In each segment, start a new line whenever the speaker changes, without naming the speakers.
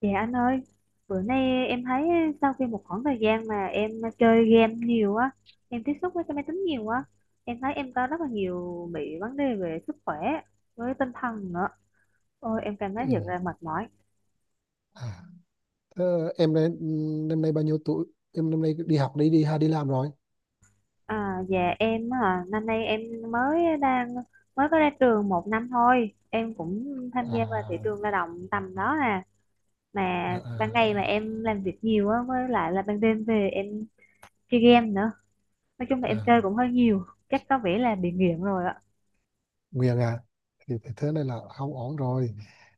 Dạ anh ơi, bữa nay em thấy sau khi một khoảng thời gian mà em chơi game nhiều á, em tiếp xúc với cái máy tính nhiều á, em thấy em có rất là nhiều bị vấn đề về sức khỏe với tinh thần nữa. Ôi em cảm thấy
Ừ.
thiệt là mệt mỏi.
À, thế em đây, năm nay bao nhiêu tuổi? Em năm nay đi học đi đi hay đi làm rồi?
À, dạ em năm nay em mới đang mới có ra trường 1 năm thôi, em cũng tham gia vào thị
À,
trường lao động tầm đó nè,
à,
mà ban ngày mà
à,
em làm việc nhiều á, với lại là ban đêm về em chơi game nữa. Nói chung là em chơi
à,
cũng hơi nhiều, chắc có vẻ là bị nghiện rồi ạ.
Nguyên à, thì thế này là không ổn rồi.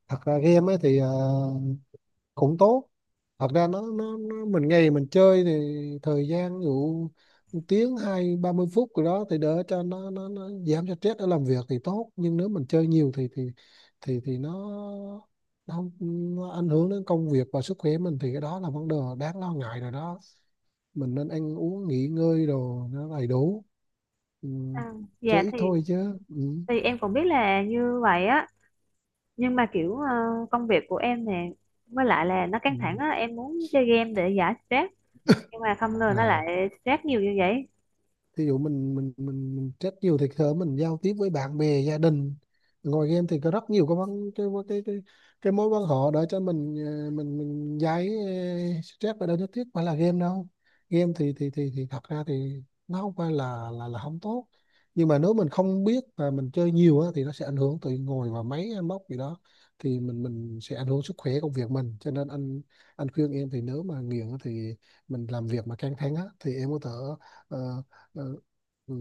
Thật ra game ấy thì cũng tốt, thật ra nó mình ngày mình chơi thì thời gian ví dụ 1 tiếng hai 30 phút rồi đó thì đỡ cho nó giảm cho stress ở làm việc thì tốt, nhưng nếu mình chơi nhiều thì nó không ảnh hưởng đến công việc và sức khỏe mình thì cái đó là vấn đề đáng lo ngại rồi đó. Mình nên ăn uống nghỉ ngơi đồ nó đầy đủ. Ừ,
À, dạ
chơi ít
thì
thôi chứ. Ừ.
thì em cũng biết là như vậy á, nhưng mà kiểu công việc của em nè, với lại là nó
Ừ.
căng thẳng á, em muốn chơi game để giải stress, nhưng mà không ngờ nó
à
lại stress nhiều như vậy.
Thí dụ mình stress nhiều thì thở mình giao tiếp với bạn bè gia đình ngồi game thì có rất nhiều cái vấn cái mối quan họ để cho mình mình giải stress, và đâu nhất thiết phải là game đâu. Game thì thật ra thì nó không phải là không tốt, nhưng mà nếu mình không biết và mình chơi nhiều á, thì nó sẽ ảnh hưởng từ ngồi vào máy hay móc gì đó thì mình sẽ ảnh hưởng sức khỏe công việc mình. Cho nên anh khuyên em thì nếu mà nghiện á thì mình làm việc mà căng thẳng á, thì em có thể ờ, ừ, ừ,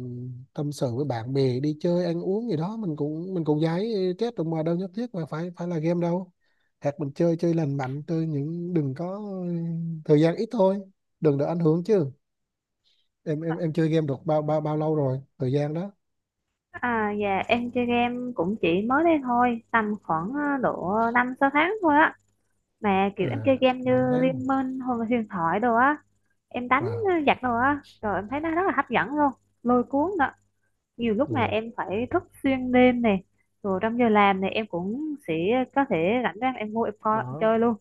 tâm sự với bạn bè đi chơi ăn uống gì đó, mình cũng giải stress rồi mà đâu nhất thiết mà phải phải là game đâu. Hoặc mình chơi chơi lành mạnh chơi những đừng có thời gian ít thôi, đừng để ảnh hưởng chứ. Em chơi game được bao bao bao lâu rồi thời gian đó?
À, dạ em chơi game cũng chỉ mới đây thôi, tầm khoảng độ 5-6 tháng thôi á, mà kiểu
À,
em chơi game
năm
như
tháng.
Liên Minh hoặc là huyền thoại đồ á, em đánh
Wow.
giặc đồ á, rồi em thấy nó rất là hấp dẫn luôn, lôi cuốn nữa. Nhiều lúc mà
Rồi.
em phải thức xuyên đêm này, rồi trong giờ làm này em cũng sẽ có thể rảnh rang em vô em coi em
Đó
chơi luôn.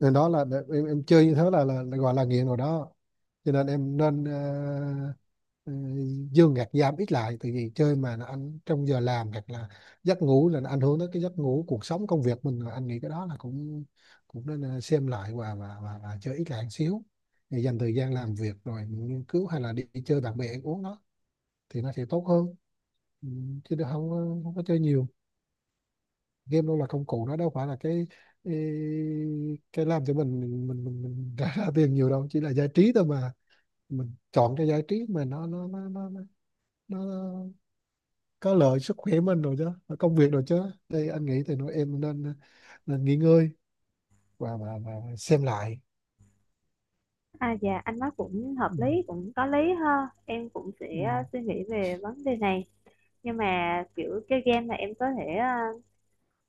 nên đó là em chơi như thế là gọi là nghiện rồi đó. Cho nên em nên ờ, dương gạt giảm ít lại, tại vì chơi mà nó anh trong giờ làm hoặc là giấc ngủ là nó ảnh hưởng đến cái giấc ngủ cuộc sống công việc mình. Rồi anh nghĩ cái đó là cũng cũng nên xem lại và và chơi ít lại một xíu để dành thời gian làm việc rồi nghiên cứu hay là đi chơi bạn bè ăn uống đó thì nó sẽ tốt hơn. Ừ, chứ đừng- không có- không có chơi nhiều. Game đâu là công cụ, nó đâu phải là cái, cái làm cho mình ra tiền nhiều đâu, chỉ là giải trí thôi mà. Mình chọn cái giải trí mà nó có lợi sức khỏe mình rồi chứ và công việc rồi chứ. Thì anh nghĩ thì nói em nên nên nghỉ ngơi và và xem lại.
À, dạ anh nói cũng hợp
Ừ.
lý, cũng có lý ha, em cũng
Ừ.
sẽ suy nghĩ về vấn đề này. Nhưng mà kiểu chơi game mà em có thể uh,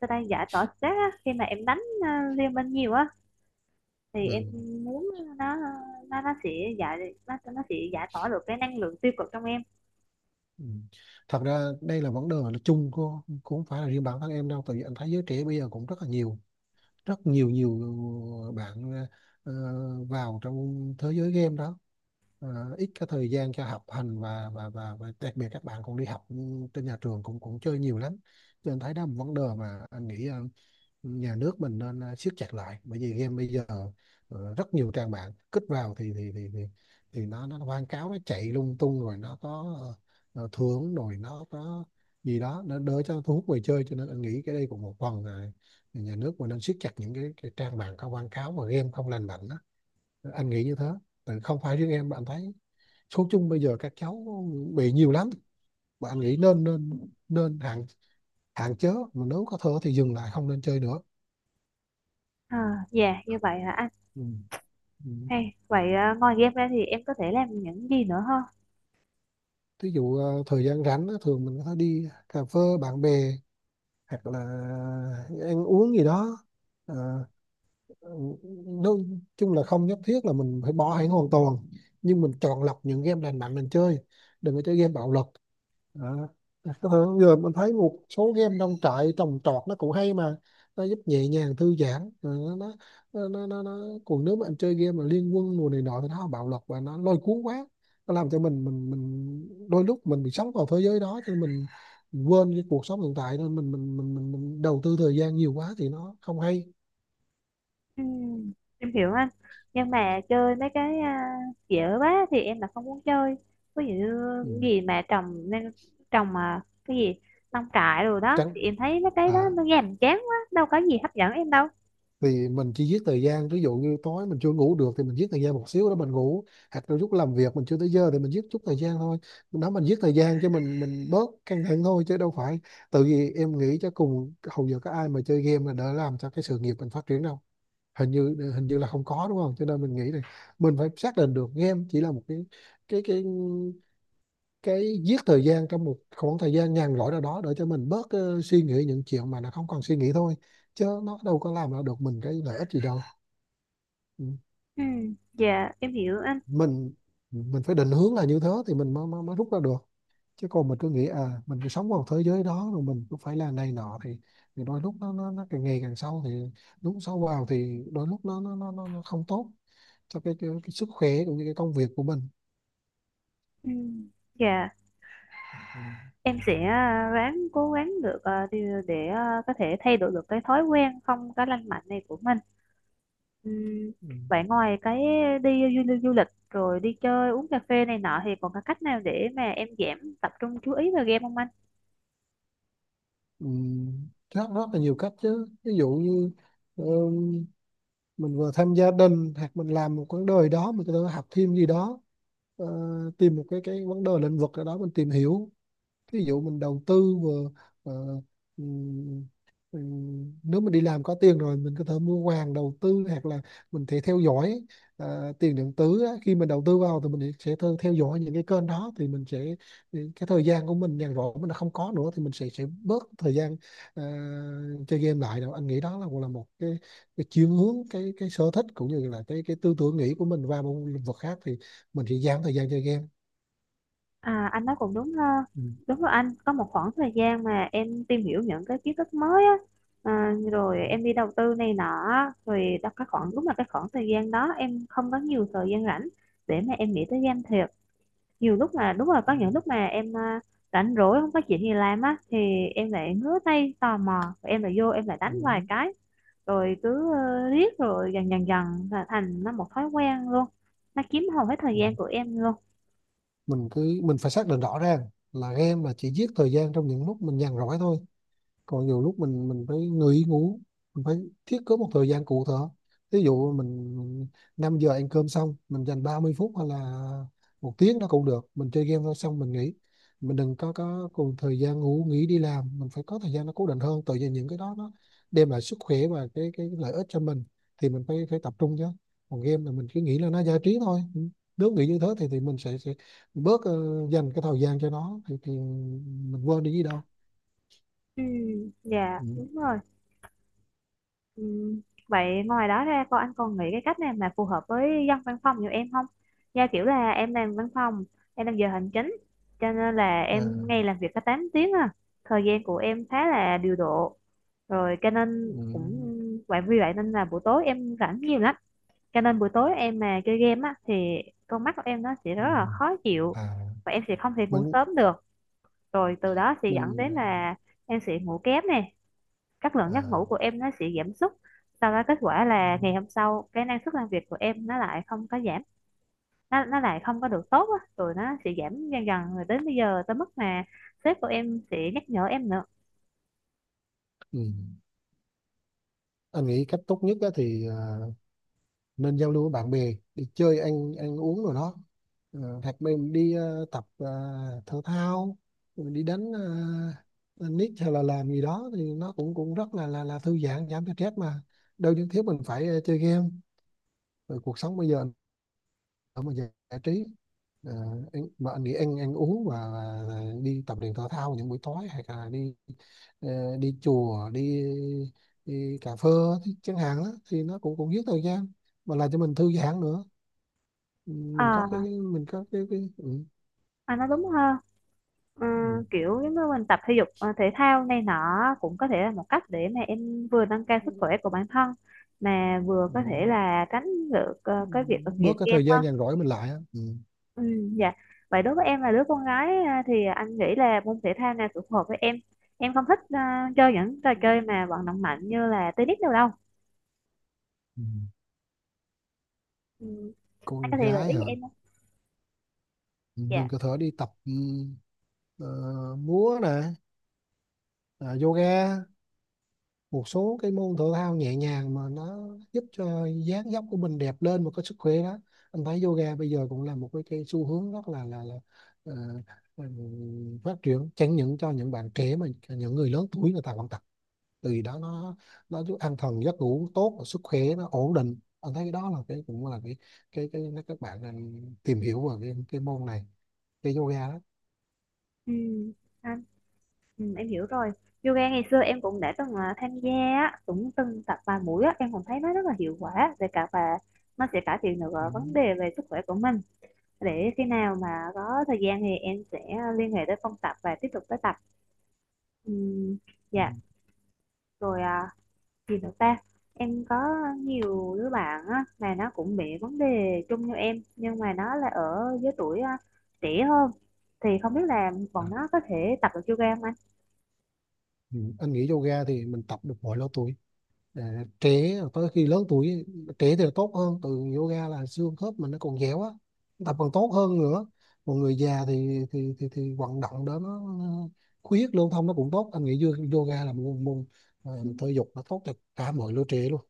sao ta đang giải tỏa stress á, khi mà em đánh liên minh nhiều á thì
Ừ.
em muốn nó nó nó sẽ nó sẽ giải tỏa được cái năng lượng tiêu cực trong em.
Ừ. Thật ra đây là vấn đề là chung của, cũng không phải là riêng bản thân em đâu, tại vì anh thấy giới trẻ bây giờ cũng rất là nhiều, rất nhiều nhiều bạn ờ, vào trong thế giới game đó. Ờ, ít cái thời gian cho học hành và và đặc biệt các bạn còn đi học trên nhà trường cũng cũng chơi nhiều lắm. Cho nên thấy đó là một vấn đề mà anh nghĩ nhà nước mình nên siết chặt lại bởi vì game bây giờ rất nhiều trang mạng kích vào thì nó quảng cáo nó chạy lung tung rồi nó có thưởng rồi nó có gì đó nó đỡ cho thu hút người chơi. Cho nên anh nghĩ cái đây cũng một phần là nhà nước mình nên siết chặt những cái trang mạng có quảng cáo và game không lành mạnh đó. Anh nghĩ như thế. Tại không phải riêng em bạn thấy, số chung bây giờ các cháu bị nhiều lắm và anh nghĩ nên nên nên hạn hạn chế mà nếu có thể thì dừng lại không nên chơi nữa.
À, dạ như vậy hả anh?
Ừ. Ừ.
Hay vậy ngoài game ra thì em có thể làm những gì nữa không?
Ví dụ thời gian rảnh á, thường mình có đi cà phê bạn bè hoặc là ăn uống gì đó. ờ, Ừ, nói chung là không nhất thiết là mình phải bỏ hẳn hoàn toàn, nhưng mình chọn lọc những game lành mạnh mình chơi, đừng có chơi game bạo lực. Đó. Có thể giờ mình thấy một số game nông trại trồng trọt nó cũng hay mà, nó giúp nhẹ nhàng thư giãn. Ờ, nó nó, nó. Còn nếu mà anh chơi game mà liên quân mùa này nọ thì nó bạo lực và nó lôi cuốn quá, nó làm cho mình đôi lúc mình bị sống vào thế giới đó. Cho nên mình quên cái cuộc sống hiện tại nên mình đầu tư thời gian nhiều quá thì nó không hay.
Ừ, em hiểu anh, nhưng mà chơi mấy cái dễ quá thì em là không muốn chơi. Ví dụ như
Ừ.
cái gì mà trồng nên trồng mà cái gì nông trại rồi đó
Tránh.
thì em thấy mấy cái
À
đó nó nhàm chán quá, đâu có gì hấp dẫn em đâu.
thì mình chỉ giết thời gian, ví dụ như tối mình chưa ngủ được thì mình giết thời gian một xíu đó mình ngủ, hoặc là lúc làm việc mình chưa tới giờ thì mình giết chút thời gian thôi. Đó mình giết thời gian cho mình bớt căng thẳng thôi chứ đâu phải. Tự vì em nghĩ cho cùng hầu giờ có ai mà chơi game là đỡ làm cho cái sự nghiệp mình phát triển đâu? Hình như là không có, đúng không? Cho nên mình nghĩ là mình phải xác định được game chỉ là một cái cái cái giết thời gian trong một khoảng thời gian nhàn rỗi nào đó để cho mình bớt suy nghĩ những chuyện mà nó không còn suy nghĩ thôi, chứ nó đâu có làm ra được mình cái lợi ích gì đâu. Ừ.
Ừ, dạ em hiểu anh.
mình mình phải định hướng là như thế thì mình mới rút ra được. Chứ còn mình cứ nghĩ à mình cứ sống vào thế giới đó rồi mình cứ phải làm này nọ thì đôi lúc nó càng ngày càng sâu. Thì lúc sâu vào thì đôi lúc nó không tốt cho cái sức khỏe cũng như cái công việc của mình.
Ừ, dạ em sẽ ráng cố gắng được để có thể thay đổi được cái thói quen không có lành mạnh này của mình. Ừm,
Ừ.
Vậy ngoài cái đi du lịch rồi đi chơi uống cà phê này nọ thì còn có cách nào để mà em giảm tập trung chú ý vào game không anh?
Ừ. Rất rất là nhiều cách chứ, ví dụ như ờ, mình vừa tham gia đình hoặc mình làm một vấn đề đó mình có thể học thêm gì đó. Ờ, tìm một cái vấn đề lĩnh vực ở đó mình tìm hiểu, ví dụ mình đầu tư vừa ờ, ừm, nếu mình đi làm có tiền rồi mình có thể mua vàng đầu tư, hoặc là mình thể theo dõi tiền điện tử á. Khi mình đầu tư vào thì mình sẽ theo dõi những cái kênh đó thì mình sẽ cái thời gian của mình nhàn rỗi mình đã không có nữa thì mình sẽ bớt thời gian ờ, chơi game lại đâu. Anh nghĩ đó là cũng là một cái chuyển hướng cái sở thích cũng như là cái tư tưởng nghĩ của mình vào một lĩnh vực khác thì mình sẽ giảm thời gian chơi game.
À, anh nói cũng đúng ha.
Ừ.
Đúng rồi anh, có một khoảng thời gian mà em tìm hiểu những cái kiến thức mới á, rồi
Ừ.
em đi đầu tư này nọ, á, rồi đó cái khoảng đúng là cái khoảng thời gian đó em không có nhiều thời gian rảnh để mà em nghĩ tới game thiệt. Nhiều lúc mà đúng là có những lúc mà em rảnh rỗi không có chuyện gì làm á, thì em lại ngứa tay tò mò, em lại vô em lại đánh vài
Ừ.
cái, rồi cứ riết rồi dần dần dần là thành nó một thói quen luôn, nó chiếm hầu hết thời
Ừ.
gian của em luôn.
Mình cứ mình phải xác định rõ ràng là game là chỉ giết thời gian trong những lúc mình nhàn rỗi thôi. Còn nhiều lúc mình phải nghỉ ngủ, mình phải thiết kế một thời gian cụ thể. Ví dụ mình 5 giờ ăn cơm xong mình dành 30 phút hay là 1 tiếng nó cũng được mình chơi game thôi xong mình nghỉ. Mình đừng có cùng thời gian ngủ nghỉ đi làm, mình phải có thời gian nó cố định hơn, tự nhiên những cái đó nó đem lại sức khỏe và cái lợi ích cho mình thì mình phải phải tập trung chứ. Còn game là mình cứ nghĩ là nó giải trí thôi. Ừ. Nếu nghĩ như thế thì mình sẽ bớt dành cái thời gian cho nó thì mình quên đi gì đâu.
Ừ, dạ
Ừ.
đúng rồi. Ừ. Vậy ngoài đó ra cô anh còn nghĩ cái cách nào mà phù hợp với dân văn phòng như em không? Do kiểu là em làm văn phòng, em làm giờ hành chính, cho nên là
À.
em ngày làm việc có 8 tiếng à. Thời gian của em khá là điều độ. Rồi cho nên cũng
ừ,
vậy, vì vậy nên là buổi tối em rảnh nhiều lắm. Cho nên buổi tối em mà chơi game á thì con mắt của em nó sẽ
ừ,
rất là khó chịu,
à
và em sẽ không thể ngủ
mình
sớm được. Rồi từ đó sẽ dẫn
mình
đến
à,
là em sẽ ngủ kém nè, các lượng giấc ngủ
à,
của em nó sẽ giảm sút, sau đó kết quả là ngày hôm sau cái năng suất làm việc của em nó lại không có giảm, nó lại không có được tốt á, rồi nó sẽ giảm dần dần rồi đến bây giờ tới mức mà sếp của em sẽ nhắc nhở em nữa.
ừ. Anh nghĩ cách tốt nhất á thì nên giao lưu với bạn bè đi chơi ăn ăn uống rồi đó. Ờ, hoặc mình đi tập thể thao rồi đi đánh tennis hay là làm gì đó thì nó cũng cũng rất là thư giãn giảm stress mà, đâu nhất thiết mình phải chơi game. Rồi cuộc sống bây giờ ở mà giải giải trí. Ờ, anh, mà anh nghĩ ăn ăn uống và đi tập luyện thể thao những buổi tối, hay là đi đi chùa đi đi cà phê thì chẳng hạn đó, thì nó cũng cũng giết thời gian mà làm cho mình thư giãn nữa. Ừ, mình có cái
à,
mình có cái
à nó đúng hơn. Ừ,
ừ,
kiểu giống như mình tập thể dục thể thao này nọ cũng có thể là một cách để mà em vừa nâng cao
ừ,
sức khỏe của bản thân, mà vừa có thể là tránh được
ừ,
cái việc
bớt
nghiện
cái
game.
thời gian nhàn rỗi mình lại á. Ừ.
Ừ, dạ. Vậy đối với em là đứa con gái à, thì anh nghĩ là môn thể thao nào phù hợp với em. Em không thích chơi những trò chơi mà vận động mạnh như là tennis đâu đâu.
Ừ.
Ừ, anh có
Con
thể gợi
gái
ý
hả?
cho em không?
Ừ, mình
Dạ.
có thể đi tập ờ, múa nè, à, yoga. Một số cái môn thể thao nhẹ nhàng mà nó giúp cho dáng dấp của mình đẹp lên và có sức khỏe đó. Anh thấy yoga bây giờ cũng là một cái xu hướng rất là là ờ, phát triển, chẳng những cho những bạn trẻ mà những người lớn tuổi người ta vẫn tập. Từ đó nó giúp an thần giấc ngủ tốt và sức khỏe nó ổn định, anh thấy cái đó là cái cũng là cái các bạn nên tìm hiểu về cái môn này, cái yoga đó.
Ừ, anh, em hiểu rồi. Yoga ngày xưa em cũng đã từng tham gia, á, cũng từng tập vài buổi á, em cũng thấy nó rất là hiệu quả về cả và nó sẽ cải thiện được
Ừ.
vấn đề về sức khỏe của mình. Để khi nào mà có thời gian thì em sẽ liên hệ tới phòng tập và tiếp tục tới tập. Ừ,
Ừ.
dạ. Rồi gì nữa ta, em có nhiều đứa bạn á, mà nó cũng bị vấn đề chung như em, nhưng mà nó là ở giới tuổi trẻ hơn, thì không biết là
À.
bọn nó có thể tập được yoga không anh?
Ừ. Anh nghĩ yoga thì mình tập được mọi lứa tuổi. Ờ, trẻ tới khi lớn tuổi, trẻ thì là tốt hơn từ yoga là xương khớp mình nó còn dẻo á, tập còn tốt hơn nữa. Còn người già thì vận động đó nó huyết lưu thông nó cũng tốt. Anh nghĩ yoga là một môn môn, thể dục nó tốt cho cả mọi lứa trẻ luôn.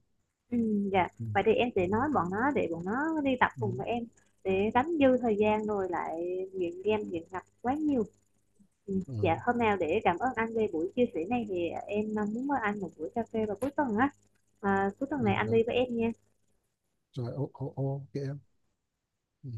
Ừ, dạ
Ừ.
vậy thì em sẽ nói bọn nó để bọn nó đi tập
Ừ.
cùng với em, để đánh dư thời gian rồi lại nghiện game nghiện ngập quá nhiều. Ừ,
Ừ.
dạ hôm nào để cảm ơn anh về buổi chia sẻ này thì em muốn mời anh một buổi cà phê vào cuối tuần á. À, cuối tuần
Ừ.
này anh đi với em nha.
Rồi ô ô ô kìa em. Ừ.